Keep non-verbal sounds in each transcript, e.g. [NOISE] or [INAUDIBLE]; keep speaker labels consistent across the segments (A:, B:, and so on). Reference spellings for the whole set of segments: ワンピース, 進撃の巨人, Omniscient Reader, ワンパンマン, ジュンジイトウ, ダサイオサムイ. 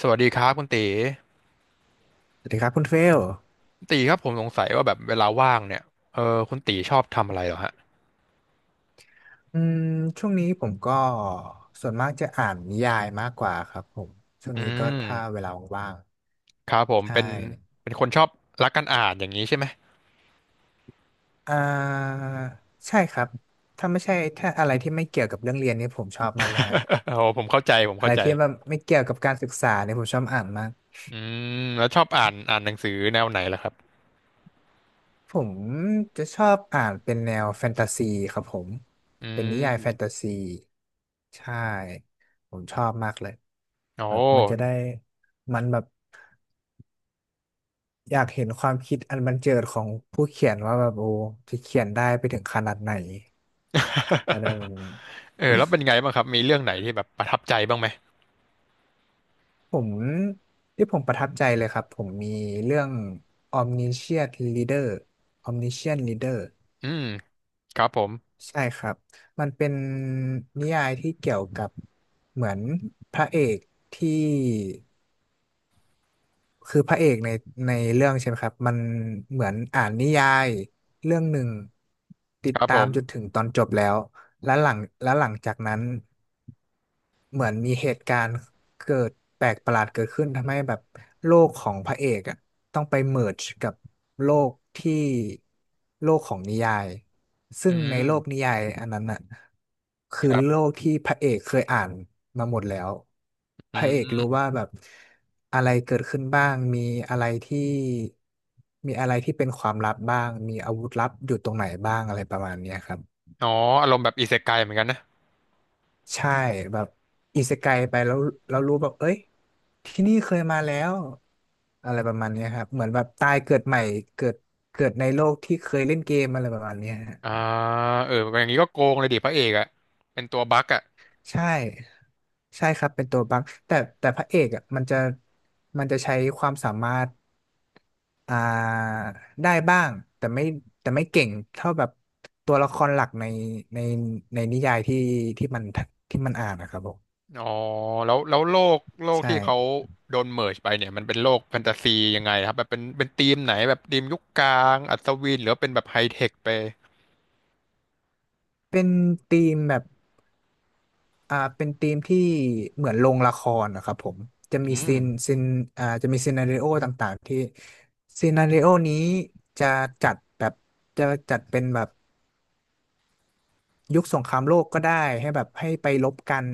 A: สวัสดีครับคุณตี
B: สวัสดีครับคุณเฟล
A: ตีครับผมสงสัยว่าแบบเวลาว่างเนี่ยเออคุณตีชอบทำอะไรเหรอฮะ
B: อืมช่วงนี้ผมก็ส่วนมากจะอ่านนิยายมากกว่าครับผมช่วง
A: อื
B: นี้ก็ถ้า
A: ม
B: เวลาว่าง
A: ครับผ
B: ๆ
A: ม
B: ใช่
A: เป็น คนชอบรักการอ่านอย่างนี้ใช่ไหม
B: อ่าใช่ครับถ้าไม่ใช่ถ้าอะไรที่ไม่เกี่ยวกับเรื่องเรียนนี่ผมชอบมากเลยฮะ
A: [LAUGHS] โอ้ผมเข้าใจผม
B: อะ
A: เข้า
B: ไร
A: ใจ
B: ที่แบบไม่เกี่ยวกับการศึกษาเนี่ยผมชอบอ่านมาก
A: อืมแล้วชอบอ่านหนังสือแนวไหนล่ะครับ
B: ผมจะชอบอ่านเป็นแนวแฟนตาซีครับผม
A: อื
B: เป็นนิยายแฟนตา
A: ม
B: ซีใช่ผมชอบมากเลย
A: โอ้
B: แบบมันจะได้มันแบบ อยากเห็นความคิดอันบันเจิดของผู้เขียนว่าแบบโอ้จะเขียนได้ไปถึงขนาดไหนอะไรแบบนี้
A: [LAUGHS] เออแล้วเป็นไงบ้างครับมีเรื่องไหนที่แบบประทับใจบ้างไหม
B: ผมที่ผมประทับใจเลยครับผมมีเรื่อง Omniscient Reader Omniscient Reader
A: อืมครับผม
B: ใช่ครับมันเป็นนิยายที่เกี่ยวกับเหมือนพระเอกที่คือพระเอกในเรื่องใช่ไหมครับมันเหมือนอ่านนิยายเรื่องหนึ่งติ
A: ค
B: ด
A: รับ
B: ตา
A: ผ
B: มจน
A: ม
B: ถึงตอนจบแล้ว แล้วหลังแล้วหลังจากนั้นเหมือนมีเหตุการณ์เกิดแปลกประหลาดเกิดขึ้นทำให้แบบโลกของพระเอกอ่ะต้องไปเมิร์จกับโลกที่โลกของนิยาย
A: อื
B: ซึ่งในโลกนิ
A: ม
B: ยายอันนั้นอ่ะคือ
A: ครั
B: โล
A: บ
B: กที่พระเอกเคยอ่านมาหมดแล้ว
A: อื
B: พระเอกรู้
A: ม
B: ว่าแบบอะไรเกิดขึ้นบ้างมีอะไรที่มีอะไรที่เป็นความลับบ้างมีอาวุธลับอยู่ตรงไหนบ้างอะไรประมาณเนี้ยครับ
A: อ๋ออารมณ์แบบอิเซไกเหมือนกันนะ
B: ใช่แบบอิเซไกไปแล้วเรารู้แบบเอ้ยที่นี่เคยมาแล้วอะไรประมาณเนี้ยครับเหมือนแบบตายเกิดใหม่เกิดเกิดในโลกที่เคยเล่นเกมอะไรประมาณเนี้ยฮะ
A: อ่าเอออย่างนี้ก็โกงเลยดิพระเอกอะเป็นตัวบั๊กอะ
B: ใช่ใช่ครับเป็นตัวบั๊กแต่พระเอกอ่ะมันจะมันจะใช้ความสามารถอ่าได้บ้างแต่ไม่แต่ไม่เก่งเท่าแบบตัวละครหลักในในนิยายที่ที่มันที่มันอ่านนะครับผม
A: อ๋อแล้วโลก
B: ใช่
A: ที่เขาโดนเมิร์จไปเนี่ยมันเป็นโลกแฟนตาซียังไงครับแบบเป็นธีมไหนแบบธีมยุคกลางอัศวินหรือว่าเป็นแบบไฮเทคไป
B: เป็นธีมแบบ เป็นธีมที่เหมือนโรงละครนะครับผมจะ
A: อื
B: มี
A: ม
B: ซีนซีนจะมีซีนาริโอต่างๆที่ซีนาริโอนี้จะจัดแบบจะจัดเป็นแบบยุคสงครามโลกก็ได้ให้แบบให้ไปรบกัน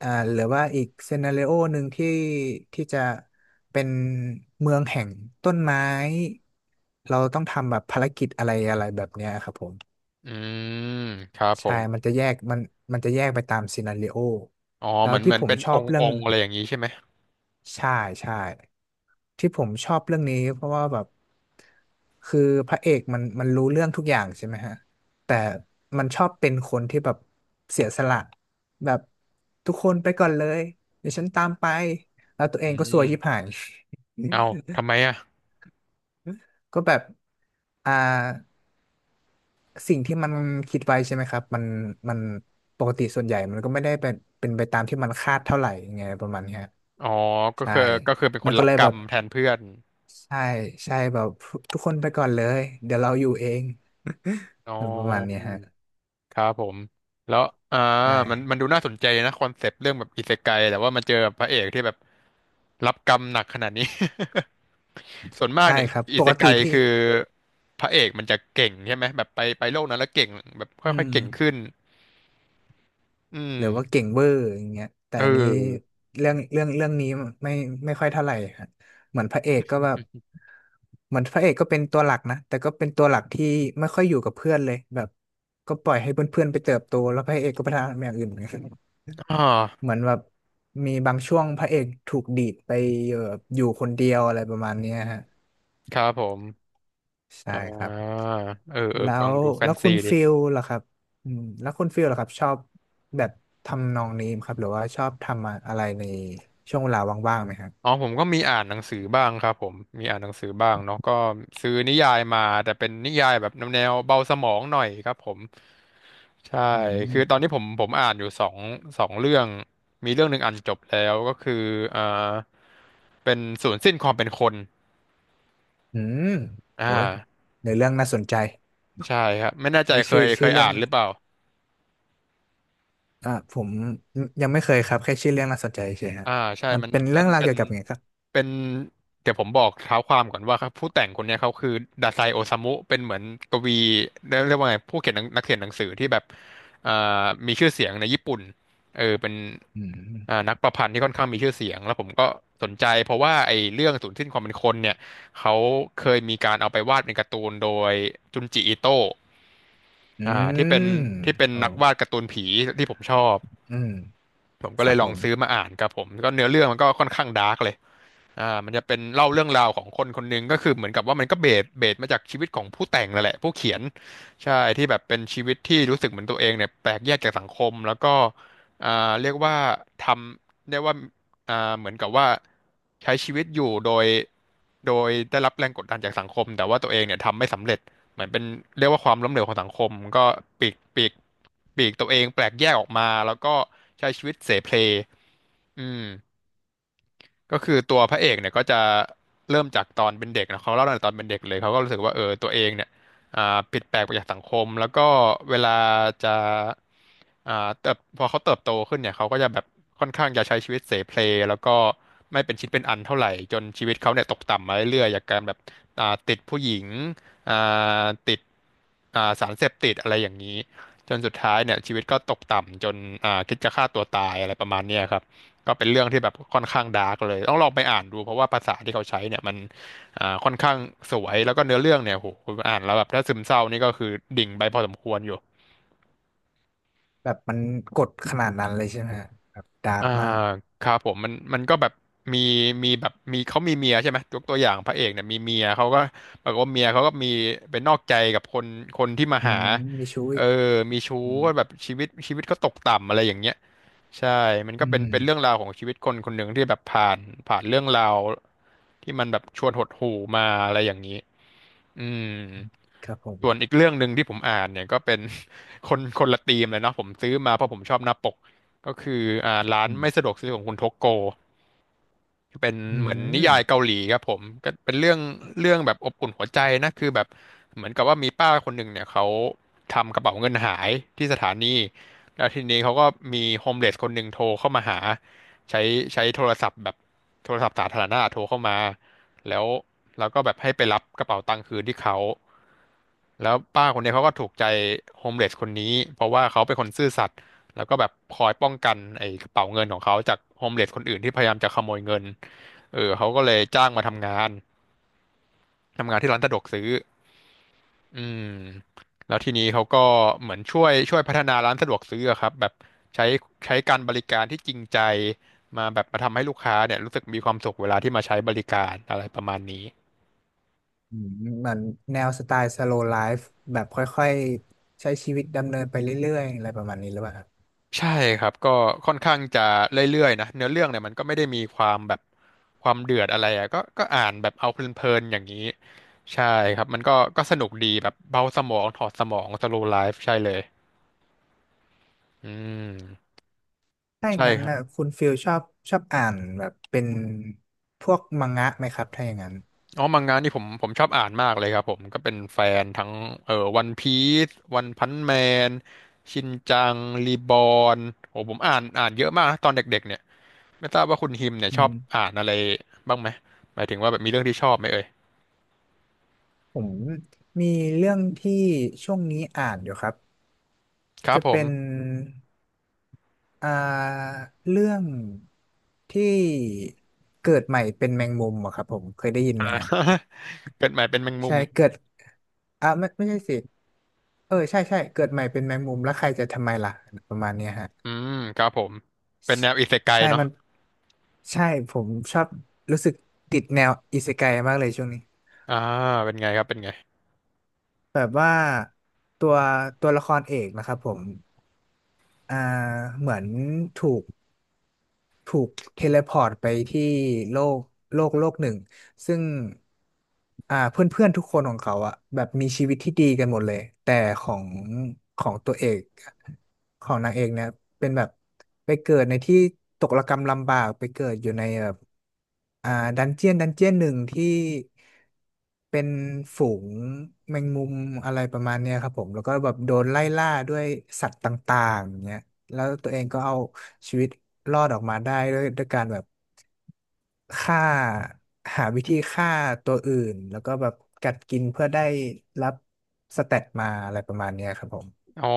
B: อ่าหรือว่าอีกซีนาริโอหนึ่งที่ที่จะเป็นเมืองแห่งต้นไม้เราต้องทำแบบภารกิจอะไรอะไรแบบเนี้ยครับผม
A: อืมครับผ
B: ใช่มั
A: ม
B: นจะแยกมันจะแยกไปตามซีนาริโอ
A: อ๋อ
B: แล้ว
A: เห
B: ที่
A: มือน
B: ผม
A: เป็น
B: ชอบเรื่
A: อ
B: อง
A: งค์อะไรอย่างนี้ใช่ไหม
B: ใช่ใช่ที่ผมชอบเรื่องนี้เพราะว่าแบบคือพระเอกมันรู้เรื่องทุกอย่างใช่ไหมฮะแต่มันชอบเป็นคนที่แบบเสียสละแบบทุกคนไปก่อนเลยเดี๋ยวฉันตามไปแล้วตัวเอ
A: อื
B: งก็ซว
A: ม
B: ยชิบหาย
A: เอ้าทำไมอ่ะ
B: [LAUGHS] ก็แบบอ่าสิ่งที่มันคิดไว้ใช่ไหมครับมันปกติส่วนใหญ่มันก็ไม่ได้เป็นไปตามที่มันคาดเท่าไหร่ยังไงประมาณเนี้ย
A: อ๋อก็
B: ใช่
A: คือเป็นค
B: มัน
A: น
B: ก็
A: รับ
B: เลย
A: กร
B: แบ
A: รม
B: บ
A: แทนเพื่อน
B: ใช่ใช่แบบทุกคนไปก่อนเลยเดี๋ยวเราอยู่เอง
A: อ๋อ
B: [LAUGHS] ประมาณเนี้ยฮะ
A: ครับผมแล้วอ่า
B: ใช่
A: มันดูน่าสนใจนะคอนเซปต์เรื่องแบบอิเซไกแต่ว่ามาเจอพระเอกที่แบบรับกรรมหนักขนาดนี้ [LAUGHS] ส่วนมาก
B: ใช่
A: เนี่ย
B: ครับ
A: อิ
B: ป
A: เซ
B: ก
A: ไก
B: ติที่
A: คือพระเอกมันจะเก่งใช่ไหมแบบไปโลกนั้นแล้วเก่งแบบ
B: อื
A: ค่อ
B: ม
A: ยๆเก่งขึ้นอืม
B: หรือว่าเก่งเวอร์อย่างเงี้ยแต่
A: เอ
B: อันนี้
A: อ
B: เรื่องนี้ไม่ไม่ค่อยเท่าไหร่ฮะเหมือนพระเอกก็แบบเหมือนพระเอกก็เป็นตัวหลักนะแต่ก็เป็นตัวหลักที่ไม่ค่อยอยู่กับเพื่อนเลยแบบก็ปล่อยให้เพื่อนๆไปเติบโตแล้วพระเอกก็ไปทำอย่างอื่นเห
A: อ่า
B: มือนแบบมีบางช่วงพระเอกถูกดีดไปเอ่ออยู่คนเดียวอะไรประมาณเนี้ยฮะ
A: ครับผม
B: ใช่
A: อ่
B: ครับ
A: าเอออ
B: แล้
A: ฟัง
B: ว
A: ดูแฟ
B: แล้
A: น
B: ว
A: ซี
B: คุณ
A: ดิ
B: ฟิลล่ะครับอืมแล้วคุณฟิลล่ะครับชอบแบบทำนองนี้ไหมครับหรือว่าชอบทำอะไรในช่วงเวลาว่างๆไหมครับ
A: อ๋อผมก็มีอ่านหนังสือบ้างครับผมมีอ่านหนังสือบ้างเนาะก็ซื้อนิยายมาแต่เป็นนิยายแบบแนวเบาสมองหน่อยครับผมใช่
B: อื
A: คือตอน
B: ม
A: นี้ผมอ่านอยู่สองเรื่องมีเรื่องหนึ่งอ่านจบแล้วก็คืออ่าเป็นศูนย์สิ้นความเป็นคน
B: อืม
A: อ่า
B: โอ้ยในเรื่องน่าสนใจ
A: ใช่ครับไม่แน่ใจ
B: ไอ้ยชื่อ
A: เค
B: ชื่อ
A: ย
B: เรื่
A: อ่า
B: อง
A: นหรือเปล่า
B: ผมยังไม่เคยครับแค่ชื่อเรื่องน่าสนใจเฉยครับ
A: อ่าใช่
B: มันเป็นเรื่
A: มั
B: อ
A: น
B: งราวเกี่ยวกับไงครับ
A: เป็นเดี๋ยวผมบอกเท้าความก่อนว่าครับผู้แต่งคนเนี้ยเขาคือดาไซโอซามุเป็นเหมือนกวีเรียกว่าไงผู้เขียนหนังนักเขียนหนังสือที่แบบอ่ามีชื่อเสียงในญี่ปุ่นเออเป็น
B: อืม
A: นักประพันธ์ที่ค่อนข้างมีชื่อเสียงแล้วผมก็สนใจเพราะว่าไอ้เรื่องสูญสิ้นความเป็นคนเนี่ยเขาเคยมีการเอาไปวาดเป็นการ์ตูนโดยจุนจิอิโตะ
B: อื
A: ที่เป็น
B: มโอ้
A: นักวาดการ์ตูนผีที่ผมชอบ
B: อืม
A: ผม
B: ค
A: ก็เล
B: รั
A: ย
B: บ
A: ล
B: ผ
A: อง
B: ม
A: ซื้อมาอ่านครับผมก็เนื้อเรื่องมันก็ค่อนข้างดาร์กเลย มันจะเป็นเล่าเรื่องราวของคนคนหนึงก็คือเหมือนกับว่ามันก็เบสมาจากชีวิตของผู้แต่งนั่นแหละผู้เขียนใช่ที่แบบเป็นชีวิตที่รู้สึกเหมือนตัวเองเนี่ยแปลกแยกจากสังคมแล้วก็อ่าเรียกว่าทำเรียกว่าเหมือนกับว่าใช้ชีวิตอยู่โดยได้รับแรงกดดันจากสังคมแต่ว่าตัวเองเนี่ยทำไม่สำเร็จเหมือนเป็นเรียกว่าความล้มเหลวของสังคมก็ปีกตัวเองแปลกแยกออกมาแล้วก็ใช้ชีวิตเสเพลอืม ก็คือตัวพระเอกเนี่ยก็จะเริ่มจากตอนเป็นเด็กนะเขาเล่าตั้งแต่ตอนเป็นเด็กเลยเขาก็รู้สึกว่าเออตัวเองเนี่ยผิดแปลกไปจากสังคมแล้วก็เวลาจะอ่าเติบพอเขาเติบโตขึ้นเนี่ยเขาก็จะแบบค่อนข้างจะใช้ชีวิตเสเพลแล้วก็ไม่เป็นชิ้นเป็นอันเท่าไหร่จนชีวิตเขาเนี่ยตกต่ำมาเรื่อยๆจากการแบบติดผู้หญิงอ่าติดสารเสพติดอะไรอย่างนี้จนสุดท้ายเนี่ยชีวิตก็ตกต่ำจนคิดจะฆ่าตัวตายอะไรประมาณเนี้ยครับ ก็เป็นเรื่องที่แบบค่อนข้างดาร์กเลยต้องลองไปอ่านดูเพราะว่าภาษาที่เขาใช้เนี่ยมันค่อนข้างสวยแล้วก็เนื้อเรื่องเนี่ยโหคุณอ่านแล้วแบบถ้าซึมเศร้านี่ก็คือดิ่งไปพอสมควรอยู่
B: แบบมันกดขนาดนั้นเลยใช่ไหมฮะแบบดาร์ก
A: อ่า
B: มาก
A: ครับผมมันก็แบบมีมีแบบมีเขามีเมียใช่ไหมยกตัวอย่างพระเอกเนี่ยมีเมียเขาก็ปรากฏว่าเมียเขาก็มีเป็นนอกใจกับคนที่มา
B: อื
A: หา
B: มมีชู้
A: เอ
B: อี
A: อ
B: ก
A: มีชู้ก็แบบชีวิตก็ตกต่ำอะไรอย่างเงี้ยใช่มันก็
B: อื
A: เป็น
B: ม
A: เรื่องราวของชีวิตคนคนหนึ่งที่แบบผ่านเรื่องราวที่มันแบบชวนหดหู่มาอะไรอย่างนี้ อืม
B: ครับผม
A: ส่วนอีกเรื่องหนึ่งที่ผมอ่านเนี่ยก็เป็น [LAUGHS] คนคนละธีมเลยเนาะผมซื้อมาเพราะผมชอบหน้าปกก็คือร้าน
B: อืม
A: ไม่สะดวกซื้อของคุณทกโก เป็น
B: อื
A: เหมือนนิ
B: ม
A: ยายเกาหลีครับผมก็เป็นเรื่องเรื่องแบบอบอุ่นหัวใจนะคือแบบเหมือนกับว่ามีป้าคนหนึ่งเนี่ยเขาทำกระเป๋าเงินหายที่สถานีแล้วทีนี้เขาก็มีโฮมเลสคนหนึ่งโทรเข้ามาหาใช้ใช้โทรศัพท์แบบโทรศัพท์สาธารณะโทรเข้ามาแล้วเราก็แบบให้ไปรับกระเป๋าตังค์คืนที่เขาแล้วป้าคนนี้เขาก็ถูกใจโฮมเลสคนนี้เพราะว่าเขาเป็นคนซื่อสัตย์ แล้วก็แบบคอยป้องกันไอ้กระเป๋าเงินของเขาจากโฮมเลสคนอื่นที่พยายามจะขโมยเงินเออเขาก็เลยจ้างมาทำงานทำงานที่ร้านสะดวกซื้ออืมแล้วทีนี้เขาก็เหมือนช่วยพัฒนาร้านสะดวกซื้ออะครับแบบใช้ใช้การบริการที่จริงใจมาแบบมาทำให้ลูกค้าเนี่ยรู้สึกมีความสุขเวลาที่มาใช้บริการอะไรประมาณนี้
B: อืมเหมือนแนวสไตล์ slow life แบบค่อยๆใช้ชีวิตดำเนินไปเรื่อยๆอะไรประมาณนี้หรือเปล่าครับ
A: ใช่ครับก็ค่อนข้างจะเรื่อยๆนะเนื้อเรื่องเนี่ยมันก็ไม่ได้มีความแบบความเดือดอะไรอ่ะก็ก็อ่านแบบเอาเพลินๆอย่างนี้ใช่ครับมันก็ก็สนุกดีแบบเบาสมองถอดสมองสโลว์ไลฟ์ใช่เลยอืม
B: ถ้าอย่าง
A: ใช่
B: นั้น
A: ครับ
B: นะคุณฟิลชอบชอบอ่านแบบเป็นพวกมังงะไหมครับถ้าอย่างนั้น
A: อ๋อมังงะนี่ผมชอบอ่านมากเลยครับผมก็เป็นแฟนทั้งวันพีซวันพันแมนชินจังรีบอนโอ้ผมอ่านเยอะมากนะตอนเด็กๆเนี่ยไม่ทราบว่าคุณฮิมเนี่ย
B: อื
A: ชอบ
B: ม
A: อ่านอะไรบ้างไหมหมายถึงว่าแบบมีเรื่องที่ชอบไหมเอ่ย
B: ผมมีเรื่องที่ช่วงนี้อ่านอยู่ครับ
A: ครับ
B: จะ
A: ผม
B: เป็นอ่าเรื่องที่เกิดใหม่เป็นแมงมุมอะครับผมเคยได้ยินไหมฮะ
A: [LAUGHS] เกิดใหม่เป็นแมงมุ
B: ใช่
A: ม
B: เกิด อ่ะไม่ไม่ใช่สิเออใช่ใช่เกิดใหม่เป็นแมงมุมแล้วใครจะทำไมล่ะประมาณเนี้ยฮะ
A: อืมครับผมเป็นแนวอิเซไก
B: ใช่
A: เนาะ
B: มันใช่ผมชอบรู้สึกติดแนวอิเซไกมากเลยช่วงนี้
A: อ่าเป็นไงครับเป็นไง
B: แบบว่าตัวตัวละครเอกนะครับผมอ่าเหมือนถูกถูกเทเลพอร์ตไปที่โลกโลกหนึ่ง ซึ่งเพื่อนเพื่อนทุกคนของเขาอะแบบมีชีวิตที่ดีกันหมดเลยแต่ของของตัวเอกของนางเอกเนี่ยเป็นแบบไปเกิดในที่ตกระกำลำบากไปเกิดอยู่ในแบบอ่าดันเจียนดันเจียนหนึ่งที่เป็นฝูงแมงมุมอะไรประมาณเนี้ยครับผมแล้วก็แบบโดนไล่ล่าด้วยสัตว์ต่างๆอย่างเงี้ยแล้วตัวเองก็เอาชีวิตรอดออกมาได้ด้วยการแบบ ฆ่าหาวิธีฆ่าตัวอื่นแล้วก็แบบกัดกินเพื่อได้รับสเตตมาอะไรประมาณเนี้ยครับผม
A: อ๋อ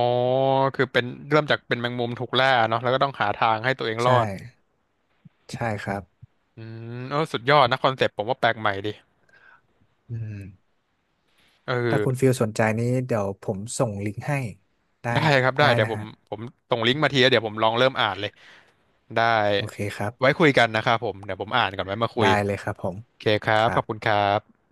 A: คือเป็นเริ่มจากเป็นแมงมุมถูกล่าเนาะแล้วก็ต้องหาทางให้ตัวเองรอ
B: ใช่
A: ด
B: ใช่ครับ
A: อืมเออสุดยอดนะคอนเซปต์ผมว่าแปลกใหม่ดี
B: อืม
A: เออ
B: ถ้าคุณฟิลสนใจนี้เดี๋ยวผมส่งลิงก์ให้ได้
A: ได้ครับได้
B: ได้
A: เดี๋ยว
B: นะ
A: ผม
B: ฮะ
A: ผมส่งลิงก์มาทีแล้วเดี๋ยวผมลองเริ่มอ่านเลยได้
B: โอเคครั
A: ไว้
B: บ
A: คุยกันนะครับผมเดี๋ยวผมอ่านก่อนไว้มาคุ
B: ได้
A: ย
B: เลยครับผม
A: โอเคครั
B: ค
A: บข
B: รั
A: อบคุณ
B: บ
A: ครับ